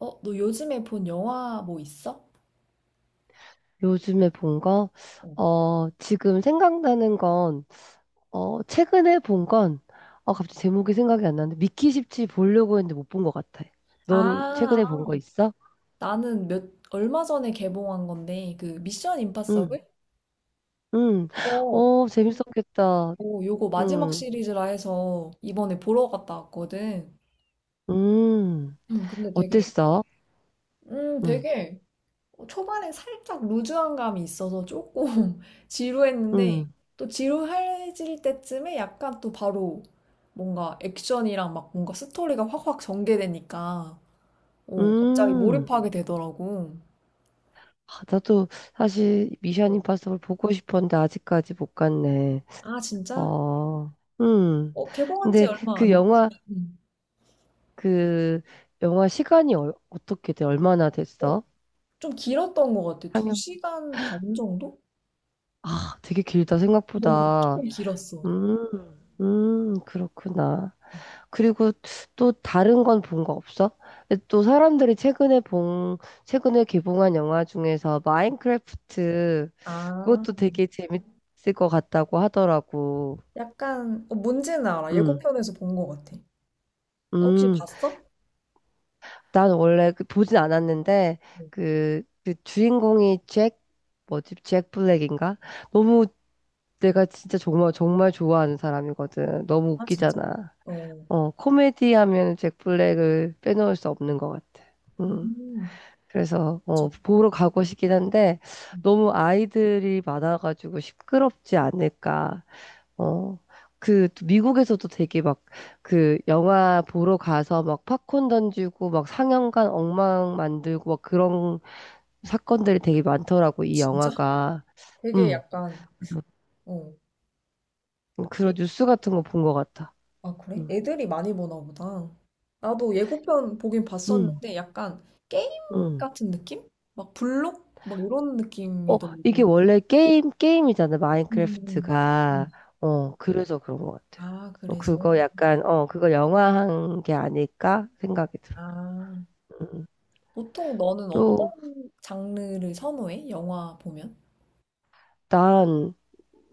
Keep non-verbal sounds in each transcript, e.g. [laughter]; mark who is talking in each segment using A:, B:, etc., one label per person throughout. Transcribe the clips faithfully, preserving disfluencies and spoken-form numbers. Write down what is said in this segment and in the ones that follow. A: 어, 너 요즘에 본 영화 뭐 있어?
B: 요즘에 본 거?
A: 어.
B: 어, 지금 생각나는 건, 어, 최근에 본 건, 어, 갑자기 제목이 생각이 안 나는데, 미키 십칠 보려고 했는데 못 본 것 같아.
A: 아,
B: 넌 최근에 본
A: 아.
B: 거 있어?
A: 나는 몇, 얼마 전에 개봉한 건데, 그 미션
B: 응,
A: 임파서블?
B: 응.
A: 어.
B: 어, 재밌었겠다.
A: 오, 요거 마지막
B: 응,
A: 시리즈라 해서 이번에 보러 갔다 왔거든.
B: 음.
A: 음, 근데 되게,
B: 어땠어?
A: 음,
B: 응,
A: 되게 초반에 살짝 루즈한 감이 있어서 조금 [laughs]
B: 응,
A: 지루했는데, 또 지루해질 때쯤에 약간 또 바로 뭔가 액션이랑 막 뭔가 스토리가 확확 전개되니까, 오, 갑자기
B: 응.
A: 몰입하게 되더라고.
B: 아, 나도 사실 미션 임파서블 보고 싶었는데 아직까지 못 갔네.
A: 아, 진짜?
B: 어, 음.
A: 어, 개봉한 지, 응,
B: 근데
A: 얼마
B: 그
A: 안 돼서.
B: 영화,
A: 음.
B: 그 영화 시간이 얼- 어떻게 돼? 얼마나
A: 어,
B: 됐어?
A: 좀 길었던 것 같아. 두
B: 상영.
A: 시간 반 정도?
B: 아, 되게 길다
A: 어,
B: 생각보다.
A: 조금 길었어.
B: 음, 음, 그렇구나. 그리고 또 다른 건 본 거 없어? 근데 또 사람들이 최근에 본, 최근에 개봉한 영화 중에서 마인크래프트
A: 아,
B: 그것도 되게 재밌을 것 같다고 하더라고.
A: 약간, 어, 뭔지는 알아.
B: 음,
A: 예고편에서 본 것 같아. 어, 혹시
B: 음.
A: 봤어? 어.
B: 난 원래 그 보진 않았는데 그, 그 주인공이 잭 뭐지? 잭 블랙인가? 너무 내가 진짜 정말 정말 좋아하는 사람이거든. 너무
A: 아, 진짜?
B: 웃기잖아.
A: 어,
B: 어, 코미디 하면 잭 블랙을 빼놓을 수 없는 것 같아. 음.
A: 음,
B: 그래서 어,
A: 진-
B: 보러 가고 싶긴 한데
A: 음,
B: 너무 아이들이 많아가지고 시끄럽지 않을까. 어, 그, 미국에서도 되게 막, 그, 영화 보러 가서 막 팝콘 던지고, 막 상영관 엉망 만들고, 막 그런 사건들이 되게 많더라고, 이
A: 진짜?
B: 영화가.
A: 되게
B: 음,
A: 약간,
B: 그래서
A: 어,
B: 음,
A: 에,
B: 그런 뉴스 같은 거 본 것 같아.
A: 아, 그래?
B: 음,
A: 애들이 많이 보나 보다. 나도 예고편 보긴
B: 음,
A: 봤었는데, 약간 게임
B: 음.
A: 같은 느낌? 막 블록? 막 이런
B: 어, 이게
A: 느낌이더라고.
B: 원래 게임, 게임이잖아,
A: 음. 음.
B: 마인크래프트가. 어, 그래서 그런 것 같아.
A: 아,
B: 어,
A: 그래서?
B: 그거 약간, 어, 그거 영화한 게 아닐까 생각이 들어.
A: 아.
B: 음.
A: 보통 너는 어떤
B: 또,
A: 장르를 선호해? 영화 보면?
B: 난,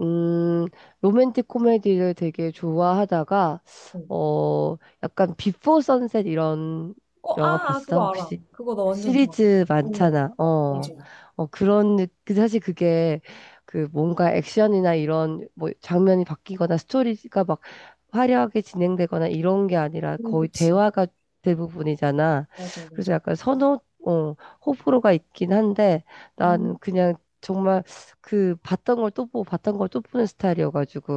B: 음, 로맨틱 코미디를 되게 좋아하다가,
A: 어.
B: 어, 약간 비포 선셋 이런
A: 어,
B: 영화
A: 아, 아,
B: 봤어?
A: 그거 알아.
B: 혹시?
A: 그거 나 완전 좋아.
B: 시리즈
A: 어,
B: 많잖아. 어,
A: 맞아. 어,
B: 어, 그런, 느- 그 사실 그게 그 뭔가 액션이나 이런 뭐 장면이 바뀌거나 스토리가 막 화려하게 진행되거나 이런 게 아니라 거의
A: 그치.
B: 대화가 대부분이잖아.
A: 맞아,
B: 그래서
A: 맞아.
B: 약간 선호, 어, 호불호가 있긴 한데 나는
A: 음.
B: 그냥 정말 그 봤던 걸 또 보고 봤던 걸 또 보는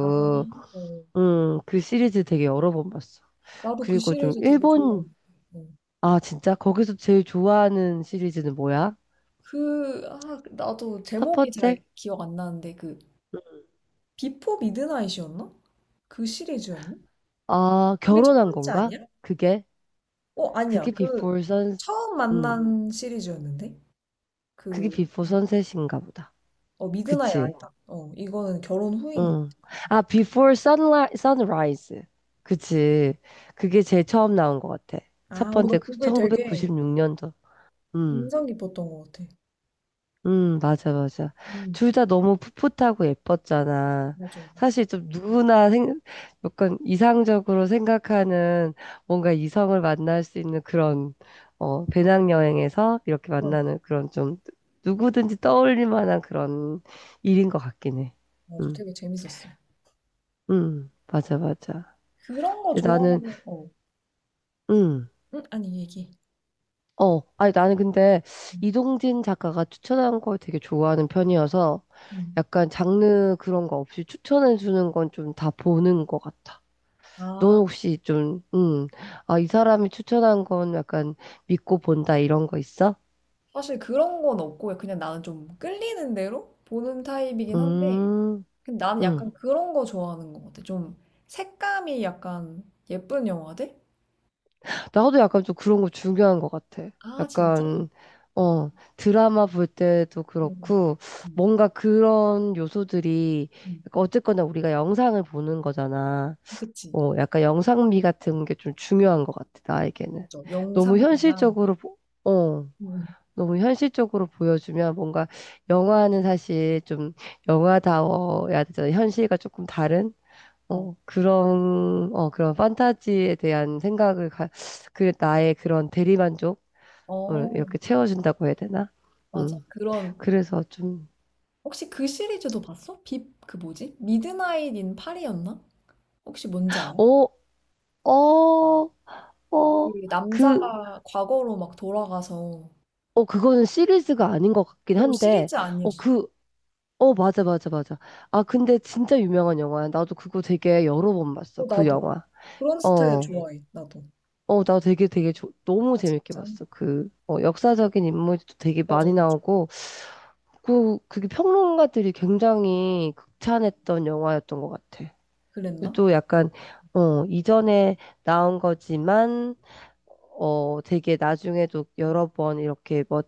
A: 아, 어.
B: 음, 그 시리즈 되게 여러 번 봤어.
A: 나도 그
B: 그리고 좀
A: 시리즈 되게 좋아하
B: 일본
A: 는데 어.
B: 아 진짜 거기서 제일 좋아하는 시리즈는 뭐야?
A: 그, 아, 나도
B: 첫
A: 제목이
B: 번째
A: 잘 기억 안 나는데 그 비포 미드나잇이었나? 그 시리즈였나?
B: 아
A: 그게 첫
B: 결혼한
A: 번째
B: 건가?
A: 아니야?
B: 그게
A: 어, 아니야.
B: 그게
A: 그
B: 비포 선
A: 처음
B: 음,
A: 만난 시리즈였는데?
B: 그게
A: 그,
B: 비포 선셋인가 보다.
A: 어, 미드나잇
B: 그치?
A: 아니다. 어, 이거는 결혼 후인 것 같아.
B: 응. 아 비포 선라 선라이즈. 그치? 그게 제일 처음 나온 것 같아. 첫
A: 아, 어, 나
B: 번째
A: 그게 되게
B: 천구백구십육 년도.
A: 인상 깊었던 것 같아.
B: 음, 맞아, 맞아.
A: 음.
B: 둘 다 너무 풋풋하고 예뻤잖아.
A: 맞아.
B: 사실 좀 누구나 생, 약간 이상적으로 생각하는 뭔가 이성을 만날 수 있는 그런, 어, 배낭여행에서 이렇게
A: 그런, 거.
B: 만나는 그런 좀 누구든지 떠올릴 만한 그런 일인 것 같긴 해.
A: 맞아.
B: 음,
A: 되게 재밌었어.
B: 음, 맞아, 맞아.
A: 그런 거
B: 근데 나는,
A: 좋아하면, 어,
B: 응.
A: 응? 아니, 얘기.
B: 어, 아니 나는 근데
A: 음.
B: 이동진 작가가 추천한 걸 되게 좋아하는 편이어서
A: 음.
B: 약간 장르 그런 거 없이 추천해 주는 건 좀 다 보는 것 같아. 너는
A: 아,
B: 혹시 좀, 음, 아, 이 사람이 추천한 건 약간 믿고 본다 이런 거 있어?
A: 사실 그런 건 없고 그냥 나는 좀 끌리는 대로 보는 타입이긴 한데,
B: 음,
A: 근데 나는
B: 음.
A: 약간 그런 거 좋아하는 것 같아. 좀 색감이 약간 예쁜 영화들?
B: 나도 약간 좀 그런 거 중요한 것 같아.
A: 아, 진짜?
B: 약간, 어, 드라마 볼 때도
A: 음,
B: 그렇고
A: 음,
B: 뭔가 그런 요소들이
A: 음.
B: 약간 어쨌거나 우리가 영상을 보는 거잖아.
A: 그치.
B: 어, 약간 영상미 같은 게 좀 중요한 것 같아, 나에게는.
A: 맞아.
B: 너무
A: 영상미랑.
B: 현실적으로, 보- 어,
A: 음.
B: 너무 현실적으로 보여주면 뭔가 영화는 사실 좀 영화다워야 되잖아. 현실과 조금 다른?
A: 어.
B: 어, 그런, 어, 그런 판타지에 대한 생각을, 가, 그, 나의 그런 대리만족을
A: 어,
B: 이렇게 채워준다고 해야 되나?
A: 맞아.
B: 음,
A: 그런,
B: 그래서 좀,
A: 혹시 그 시리즈도 봤어? 빕, 그 뭐지? 미드나잇 인 파리였나? 혹시 뭔지 알아?
B: 어, 어,
A: 그
B: 어, 그,
A: 남자가 과거로 막 돌아가서,
B: 어, 그거는 시리즈가 아닌 것 같긴
A: 오,
B: 한데,
A: 시리즈
B: 어,
A: 아니었어.
B: 그, 어, 맞아, 맞아, 맞아. 아, 근데 진짜 유명한 영화야. 나도 그거 되게 여러 번 봤어,
A: 오,
B: 그
A: 나도.
B: 영화.
A: 그런 스타일
B: 어,
A: 좋아해, 나도.
B: 어, 나 되게 되게 조- 너무
A: 아,
B: 재밌게
A: 진짜?
B: 봤어. 그, 어, 역사적인 인물도 되게
A: 맞아,
B: 많이
A: 맞아.
B: 나오고, 그, 그게 평론가들이 굉장히 극찬했던 영화였던 것 같아. 근데
A: 그랬나?
B: 또 약간, 어, 이전에 나온 거지만, 어, 되게 나중에도 여러 번 이렇게 뭐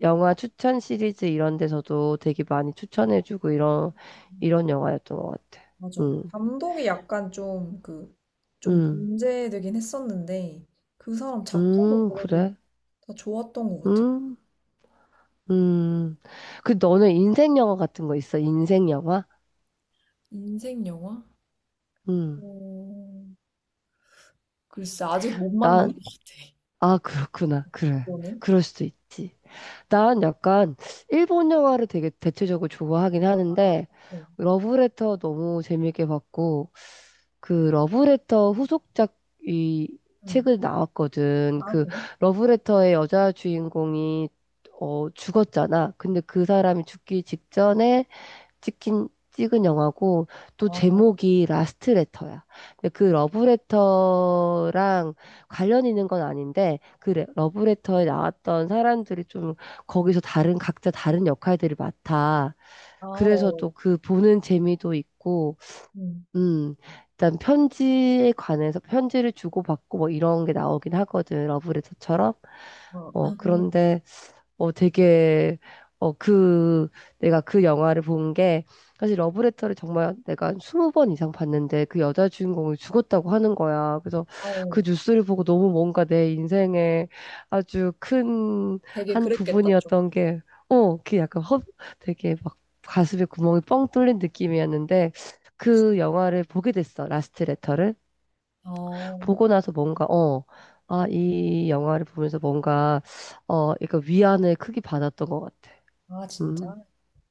B: 영화 추천 시리즈 이런 데서도 되게 많이 추천해주고 이런 이런 영화였던 것 같아.
A: 맞아.
B: 음,
A: 감독이 약간 좀 그, 좀
B: 음,
A: 문제되긴 했었는데, 그 사람 작품은
B: 음,
A: 그래도
B: 그래?
A: 다 좋았던 것 같아.
B: 음, 음. 그 너는 인생 영화 같은 거 있어? 인생 영화?
A: 인생 영화?
B: 음,
A: 어, 글쎄, 아직 못 만난
B: 난,
A: 것 같아.
B: 아, 그렇구나. 그래.
A: 너는?
B: 그럴 수도 있지. 난 약간 일본 영화를 되게 대체적으로 좋아하긴 하는데
A: 응.
B: 러브레터 너무 재밌게 봤고 그 러브레터 후속작 이
A: 응.
B: 책을 나왔거든.
A: 아,
B: 그
A: 그래?
B: 러브레터의 여자 주인공이 어 죽었잖아. 근데 그 사람이 죽기 직전에 찍힌 찍은 영화고 또
A: 아,
B: 제목이 라스트 레터야. 근데 그 러브레터랑 관련 있는 건 아닌데 그 레- 러브레터에 나왔던 사람들이 좀 거기서 다른 각자 다른 역할들을 맡아.
A: 아,
B: 그래서
A: 어.
B: 또 그 보는 재미도 있고
A: 응.
B: 음, 일단 편지에 관해서 편지를 주고받고 뭐 이런 게 나오긴 하거든. 러브레터처럼.
A: 어, 아,
B: 어,
A: 음.
B: 그런데 어, 되게, 어, 그, 내가 그 영화를 본 게, 사실 러브레터를 정말 내가 한 스무 번 이상 봤는데 그 여자 주인공이 죽었다고 하는 거야. 그래서
A: 아, 어.
B: 그 뉴스를 보고 너무 뭔가 내 인생에 아주 큰
A: 되게
B: 한
A: 그랬겠다, 좀.
B: 부분이었던 게, 어, 그 약간 허, 되게 막 가슴에 구멍이 뻥 뚫린 느낌이었는데 그 영화를 보게 됐어. 라스트 레터를.
A: 아,
B: 보고 나서 뭔가, 어, 아, 이 영화를 보면서 뭔가, 어, 약간 위안을 크게 받았던 것 같아.
A: 아, 진짜?
B: 음,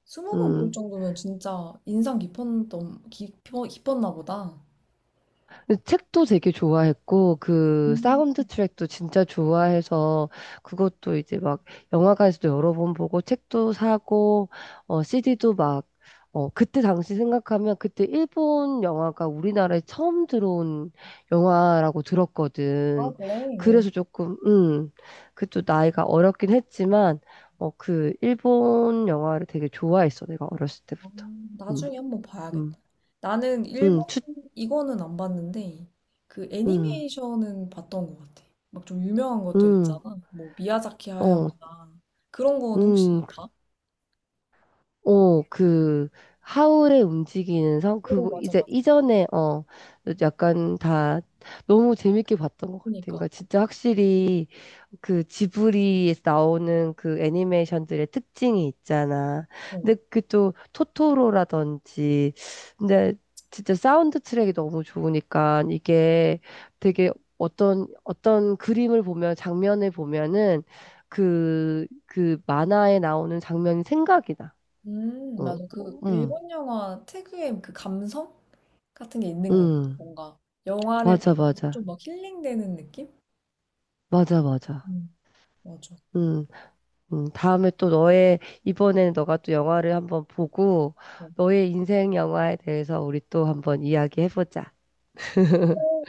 A: 스무 번 볼
B: 음.
A: 정도면 진짜 인상 깊었던, 깊어, 깊었나 보다.
B: 근데 책도 되게 좋아했고, 그
A: 음,
B: 사운드 트랙도 진짜 좋아해서, 그것도 이제 막 영화관에서도 여러 번 보고, 책도 사고, 어, 씨디도 막, 어, 그때 당시 생각하면 그때 일본 영화가 우리나라에 처음 들어온 영화라고
A: 아,
B: 들었거든.
A: 그래? 어.
B: 그래서 조금, 음, 그 또 나이가 어렸긴 했지만, 어, 그 일본 영화를 되게 좋아했어, 내가 어렸을
A: 아,
B: 때부터. 음,
A: 나중에 한번 봐야겠다.
B: 음,
A: 나는
B: 음,
A: 일본,
B: 추,
A: 이거는 안 봤는데, 그
B: 음,
A: 애니메이션은 봤던 것 같아. 막 좀 유명한 것들
B: 음.
A: 있잖아. 뭐, 미야자키
B: 어,
A: 하야오나. 그런 거는 혹시
B: 음.
A: 봐?
B: 어, 그, 하울의 움직이는 성?
A: 오,
B: 그거,
A: 맞아,
B: 이제
A: 맞아.
B: 이전에, 어, 약간 다 너무 재밌게 봤던 것 같아.
A: 그니까.
B: 그러니까 진짜 확실히 그 지브리에서 나오는 그 애니메이션들의 특징이 있잖아.
A: 어.
B: 근데 그 또 토토로라든지, 근데 진짜 사운드 트랙이 너무 좋으니까 이게 되게 어떤, 어떤 그림을 보면, 장면을 보면은 그, 그 만화에 나오는 장면이 생각이 나.
A: 음,
B: 응,
A: 맞아. 그
B: 응,
A: 일본 영화 특유의 그 감성 같은 게 있는 것 같아.
B: 응.
A: 뭔가 영화를
B: 맞아,
A: 보면서
B: 맞아.
A: 좀 막 힐링되는 느낌?
B: 맞아, 맞아.
A: 음, 맞아.
B: 응, 응. 다음에 또 너의, 이번에는 너가 또 영화를 한번 보고,
A: 어,
B: 너의 인생 영화에 대해서 우리 또 한번 이야기해보자.
A: 어,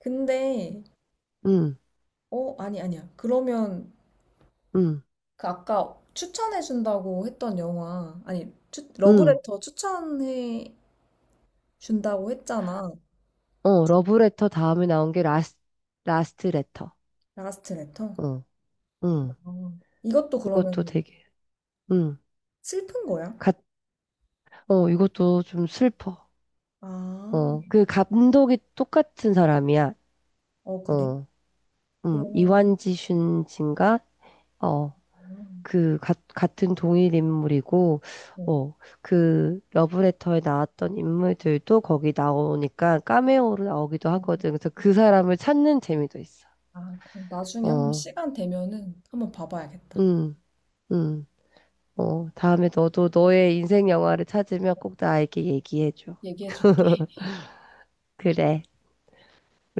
A: 근데,
B: 응,
A: 어, 아니, 아니야. 그러면,
B: 응,
A: 그 아까 추천해준다고 했던 영화, 아니, 추,
B: 응.
A: 러브레터 추천해준다고 했잖아.
B: 어, 러브레터 다음에 나온 게 라스, 라스트 레터.
A: 라스트 레터.
B: 어, 응.
A: 아, 이것도
B: 그것도
A: 그러면
B: 되게, 응.
A: 슬픈 거야?
B: 갓, 어, 이것도 좀 슬퍼.
A: 아,
B: 어, 그 감독이 똑같은 사람이야.
A: 어, 그래?
B: 어, 응.
A: 그러면,
B: 이완지 슌진가? 어.
A: 아,
B: 그 가- 같은 동일 인물이고 어, 그 러브레터에 나왔던 인물들도 거기 나오니까 카메오로 나오기도
A: 어,
B: 하거든. 그래서
A: 아,
B: 그 사람을 찾는 재미도 있어.
A: 아, 그럼 나중에 한번
B: 어,
A: 시간 되면은 한번 봐봐야겠다.
B: 음, 음, 어, 다음에 너도 너의 인생 영화를 찾으면 꼭 나에게 얘기해줘.
A: 얘기해줄게.
B: 그래. 우리